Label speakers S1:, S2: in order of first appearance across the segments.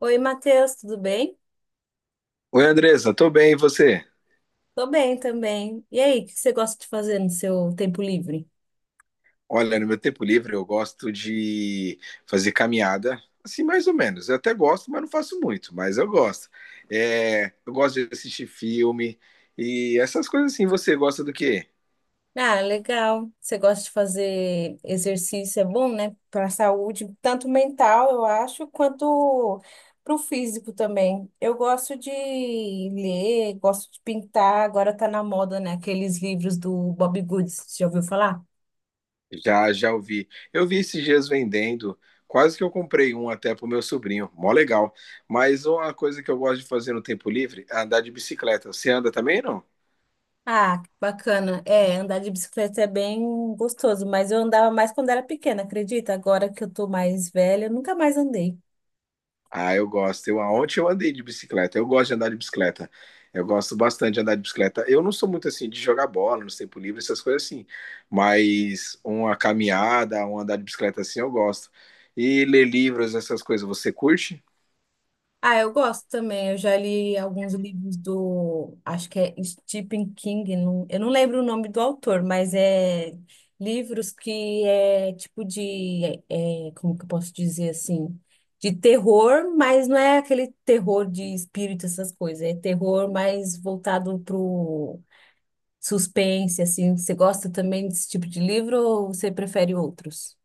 S1: Oi, Matheus, tudo bem?
S2: Oi, Andressa, tô bem, e você?
S1: Tô bem também. E aí, o que você gosta de fazer no seu tempo livre?
S2: Olha, no meu tempo livre eu gosto de fazer caminhada, assim, mais ou menos. Eu até gosto, mas não faço muito, mas eu gosto. É, eu gosto de assistir filme e essas coisas assim. Você gosta do quê?
S1: Ah, legal. Você gosta de fazer exercício, é bom, né? Para a saúde, tanto mental, eu acho, quanto para o físico também. Eu gosto de ler, gosto de pintar. Agora tá na moda, né? Aqueles livros do Bob Goods. Já ouviu falar?
S2: Já, já ouvi. Eu vi esses dias vendendo, quase que eu comprei um até pro meu sobrinho, mó legal. Mas uma coisa que eu gosto de fazer no tempo livre é andar de bicicleta. Você anda também, não?
S1: Ah, que bacana. É, andar de bicicleta é bem gostoso, mas eu andava mais quando era pequena, acredita? Agora que eu tô mais velha, eu nunca mais andei.
S2: Ah, eu gosto. Eu, ontem eu andei de bicicleta. Eu gosto de andar de bicicleta. Eu gosto bastante de andar de bicicleta. Eu não sou muito assim de jogar bola no tempo livre, essas coisas assim. Mas uma caminhada, um andar de bicicleta assim, eu gosto. E ler livros, essas coisas, você curte?
S1: Ah, eu gosto também. Eu já li alguns livros do, acho que é Stephen King, eu não lembro o nome do autor, mas é livros que é tipo de, é, como que eu posso dizer assim? De terror, mas não é aquele terror de espírito, essas coisas. É terror mais voltado pro suspense, assim, você gosta também desse tipo de livro ou você prefere outros?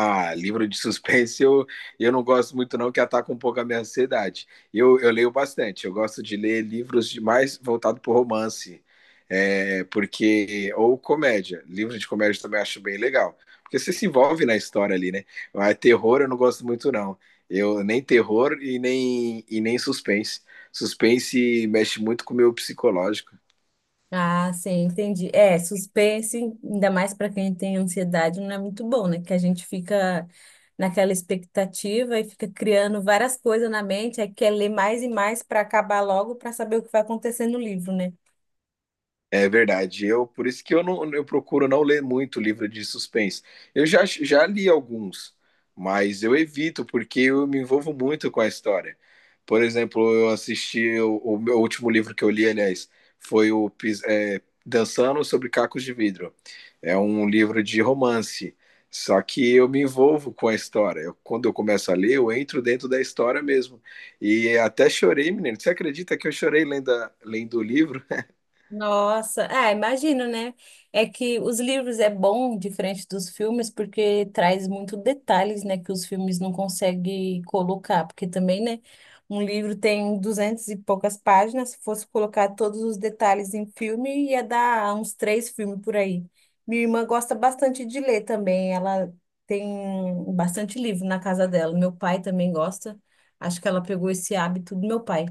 S2: Ah, livro de suspense eu não gosto muito não, que ataca um pouco a minha ansiedade. Eu leio bastante, eu gosto de ler livros de mais voltado para romance, porque ou comédia, livro de comédia também acho bem legal, porque você se envolve na história ali, né? Mas terror eu não gosto muito não, eu nem terror e nem suspense. Suspense mexe muito com o meu psicológico.
S1: Ah, sim, entendi. É, suspense, ainda mais para quem tem ansiedade, não é muito bom, né? Que a gente fica naquela expectativa e fica criando várias coisas na mente, aí quer ler mais e mais para acabar logo para saber o que vai acontecer no livro, né?
S2: É verdade. Eu por isso que eu não eu procuro não ler muito livro de suspense. Eu já, já li alguns, mas eu evito porque eu me envolvo muito com a história. Por exemplo, eu assisti o meu último livro que eu li, aliás, foi o Dançando sobre Cacos de Vidro. É um livro de romance. Só que eu me envolvo com a história. Eu- quando eu começo a ler, eu entro dentro da história mesmo. E até chorei, menino. Você acredita que eu chorei lendo, lendo o livro?
S1: Nossa, ah, imagino, né? É que os livros é bom diferente dos filmes porque traz muito detalhes, né, que os filmes não conseguem colocar, porque também, né, um livro tem duzentas e poucas páginas, se fosse colocar todos os detalhes em filme, ia dar uns três filmes por aí. Minha irmã gosta bastante de ler também, ela tem bastante livro na casa dela. Meu pai também gosta. Acho que ela pegou esse hábito do meu pai.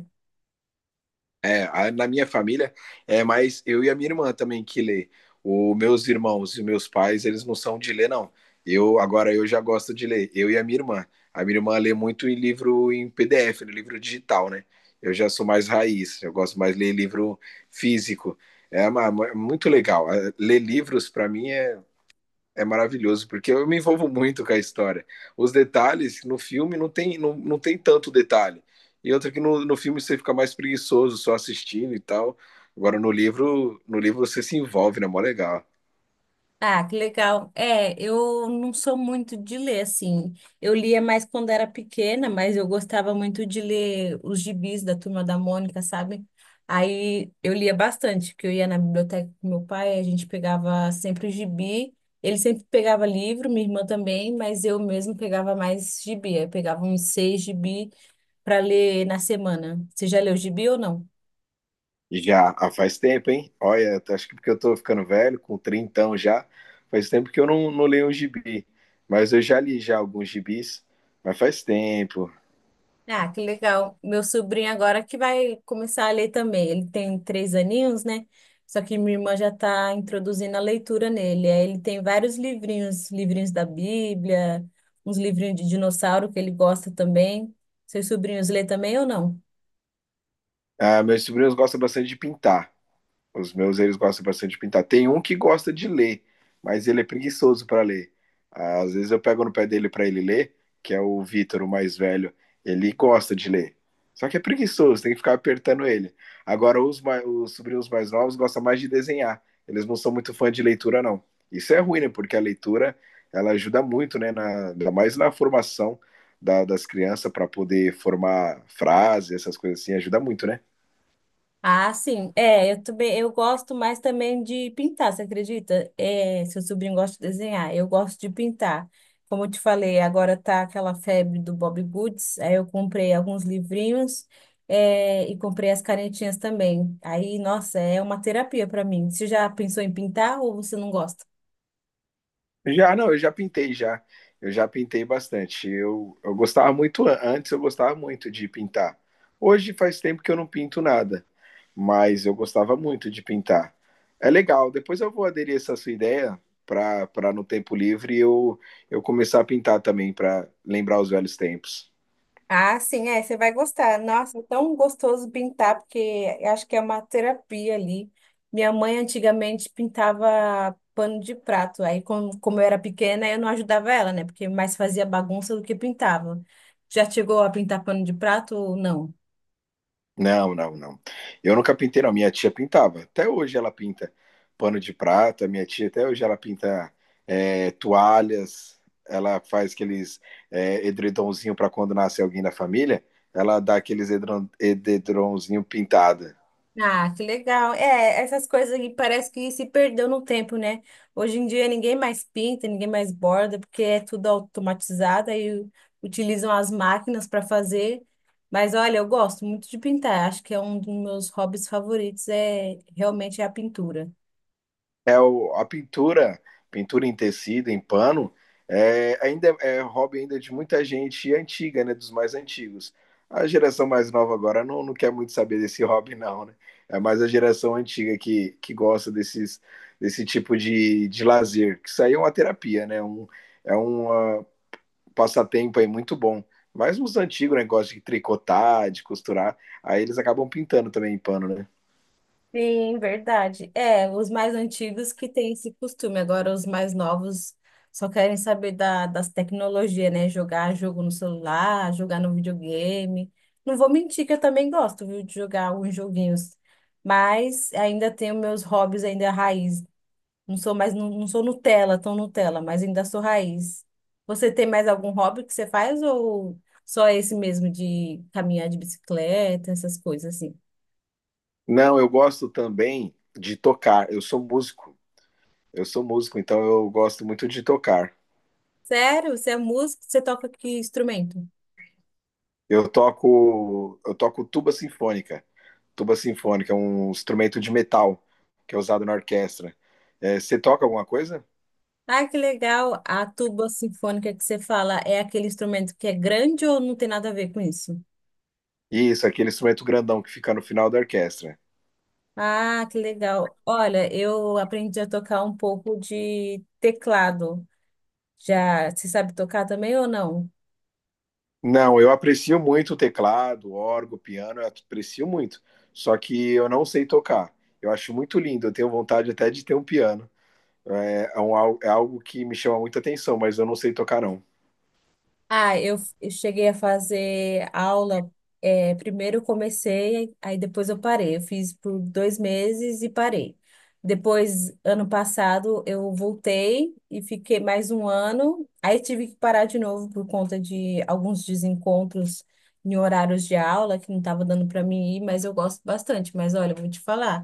S2: É, na minha família é mais eu e a minha irmã também que lê. Os meus irmãos e meus pais, eles não são de ler, não. Eu agora eu já gosto de ler, eu e a minha irmã. A minha irmã lê muito em livro em PDF, no livro digital, né? Eu já sou mais raiz, eu gosto mais de ler livro físico. É muito legal. Ler livros para mim é é maravilhoso, porque eu me envolvo muito com a história. Os detalhes no filme não tem, não, não tem tanto detalhe. E outra que no, no filme você fica mais preguiçoso só assistindo e tal. Agora no livro, no livro você se envolve, né? Mó legal.
S1: Ah, que legal. É, eu não sou muito de ler, assim. Eu lia mais quando era pequena, mas eu gostava muito de ler os gibis da Turma da Mônica, sabe? Aí eu lia bastante, porque eu ia na biblioteca com meu pai, a gente pegava sempre o gibi. Ele sempre pegava livro, minha irmã também, mas eu mesmo pegava mais gibi. Eu pegava uns seis gibi para ler na semana. Você já leu gibi ou não?
S2: E já faz tempo, hein? Olha, acho que porque eu tô ficando velho, com trintão já, faz tempo que eu não, não leio um gibi. Mas eu já li já alguns gibis, mas faz tempo.
S1: Ah, que legal. Meu sobrinho agora que vai começar a ler também. Ele tem três aninhos, né? Só que minha irmã já está introduzindo a leitura nele. Aí ele tem vários livrinhos, livrinhos da Bíblia, uns livrinhos de dinossauro que ele gosta também. Seus sobrinhos lê também ou não?
S2: Ah, meus sobrinhos gostam bastante de pintar. Os meus, eles gostam bastante de pintar. Tem um que gosta de ler, mas ele é preguiçoso para ler. Às vezes eu pego no pé dele para ele ler, que é o Vitor, o mais velho. Ele gosta de ler. Só que é preguiçoso, tem que ficar apertando ele. Agora, os sobrinhos mais novos gostam mais de desenhar. Eles não são muito fã de leitura, não. Isso é ruim, né? Porque a leitura ela ajuda muito, né? Ainda mais na formação das crianças para poder formar frases essas coisas assim, ajuda muito, né?
S1: Ah, sim. É, eu também, eu gosto mais também de pintar, você acredita? É, seu sobrinho gosta de desenhar, eu gosto de pintar. Como eu te falei, agora tá aquela febre do Bob Goods, aí eu comprei alguns livrinhos, é, e comprei as canetinhas também. Aí, nossa, é uma terapia para mim. Você já pensou em pintar ou você não gosta?
S2: Já, não, eu já pintei já. Eu já pintei bastante. Eu gostava muito, antes eu gostava muito de pintar. Hoje faz tempo que eu não pinto nada, mas eu gostava muito de pintar. É legal. Depois eu vou aderir essa sua ideia para para no tempo livre eu começar a pintar também, para lembrar os velhos tempos.
S1: Ah, sim, é, você vai gostar. Nossa, é tão gostoso pintar, porque eu acho que é uma terapia ali. Minha mãe antigamente pintava pano de prato. Aí, como eu era pequena, eu não ajudava ela, né? Porque mais fazia bagunça do que pintava. Já chegou a pintar pano de prato ou não?
S2: Não, não, não. Eu nunca pintei, não. Minha tia pintava. Até hoje ela pinta pano de prata. Minha tia, até hoje, ela pinta toalhas. Ela faz aqueles edredonzinho para quando nasce alguém na família. Ela dá aqueles edredonzinho pintada.
S1: Ah, que legal. É, essas coisas aí parece que se perdeu no tempo, né? Hoje em dia ninguém mais pinta, ninguém mais borda, porque é tudo automatizado e utilizam as máquinas para fazer. Mas olha, eu gosto muito de pintar. Acho que é um dos meus hobbies favoritos, é realmente é a pintura.
S2: É a pintura, pintura em tecido, em pano, ainda é hobby ainda de muita gente antiga, né? Dos mais antigos. A geração mais nova agora não, não quer muito saber desse hobby, não, né? É mais a geração antiga que gosta desses, desse tipo de lazer. Que isso aí é uma terapia, né? É um passatempo aí muito bom. Mas os antigos, né? Gostam de tricotar, de costurar. Aí eles acabam pintando também em pano, né?
S1: Sim, verdade. É, os mais antigos que têm esse costume, agora os mais novos só querem saber da, das tecnologias, né? Jogar jogo no celular, jogar no videogame. Não vou mentir que eu também gosto, viu, de jogar alguns joguinhos, mas ainda tenho meus hobbies ainda raiz. Não sou mais, não, não sou Nutella, tão Nutella, mas ainda sou raiz. Você tem mais algum hobby que você faz ou só esse mesmo de caminhar de bicicleta, essas coisas assim?
S2: Não, eu gosto também de tocar. Eu sou músico. Eu sou músico, então eu gosto muito de tocar.
S1: Sério? Você é músico? Você toca que instrumento?
S2: Eu toco tuba sinfônica. Tuba sinfônica é um instrumento de metal que é usado na orquestra. É, você toca alguma coisa?
S1: Ah, que legal. A tuba sinfônica que você fala é aquele instrumento que é grande ou não tem nada a ver com isso?
S2: Isso, aquele instrumento grandão que fica no final da orquestra.
S1: Ah, que legal. Olha, eu aprendi a tocar um pouco de teclado. Já, você sabe tocar também ou não?
S2: Não, eu aprecio muito o teclado, o órgão, o piano, eu aprecio muito. Só que eu não sei tocar. Eu acho muito lindo, eu tenho vontade até de ter um piano. É, é um é algo que me chama muita atenção, mas eu não sei tocar, não.
S1: Eu cheguei a fazer aula. É, primeiro eu comecei, aí depois eu parei. Eu fiz por 2 meses e parei. Depois, ano passado, eu voltei e fiquei mais um ano. Aí tive que parar de novo por conta de alguns desencontros em horários de aula que não estava dando para mim ir, mas eu gosto bastante. Mas olha, eu vou te falar,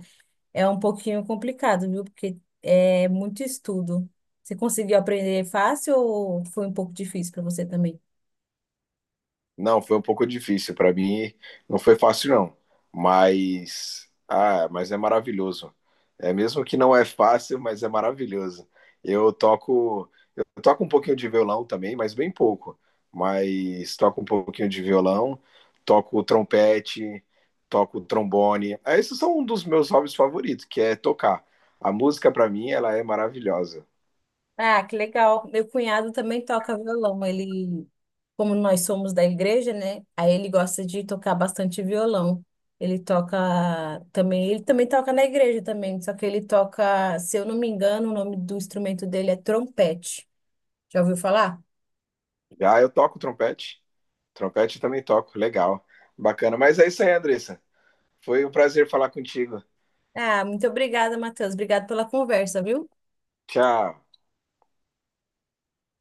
S1: é um pouquinho complicado, viu? Porque é muito estudo. Você conseguiu aprender fácil ou foi um pouco difícil para você também?
S2: Não, foi um pouco difícil para mim, não foi fácil não, mas mas é maravilhoso. É mesmo que não é fácil, mas é maravilhoso. Eu toco, eu toco um pouquinho de violão também, mas bem pouco. Mas toco um pouquinho de violão, toco trompete, toco trombone. Esses são um dos meus hobbies favoritos, que é tocar. A música para mim, ela é maravilhosa.
S1: Ah, que legal. Meu cunhado também toca violão. Ele, como nós somos da igreja, né? Aí ele gosta de tocar bastante violão. Ele toca também, ele também toca na igreja também, só que ele toca, se eu não me engano, o nome do instrumento dele é trompete. Já ouviu falar?
S2: Já eu toco trompete, trompete eu também toco, legal, bacana. Mas é isso aí, Andressa. Foi um prazer falar contigo.
S1: Ah, muito obrigada, Matheus. Obrigado pela conversa, viu?
S2: Tchau.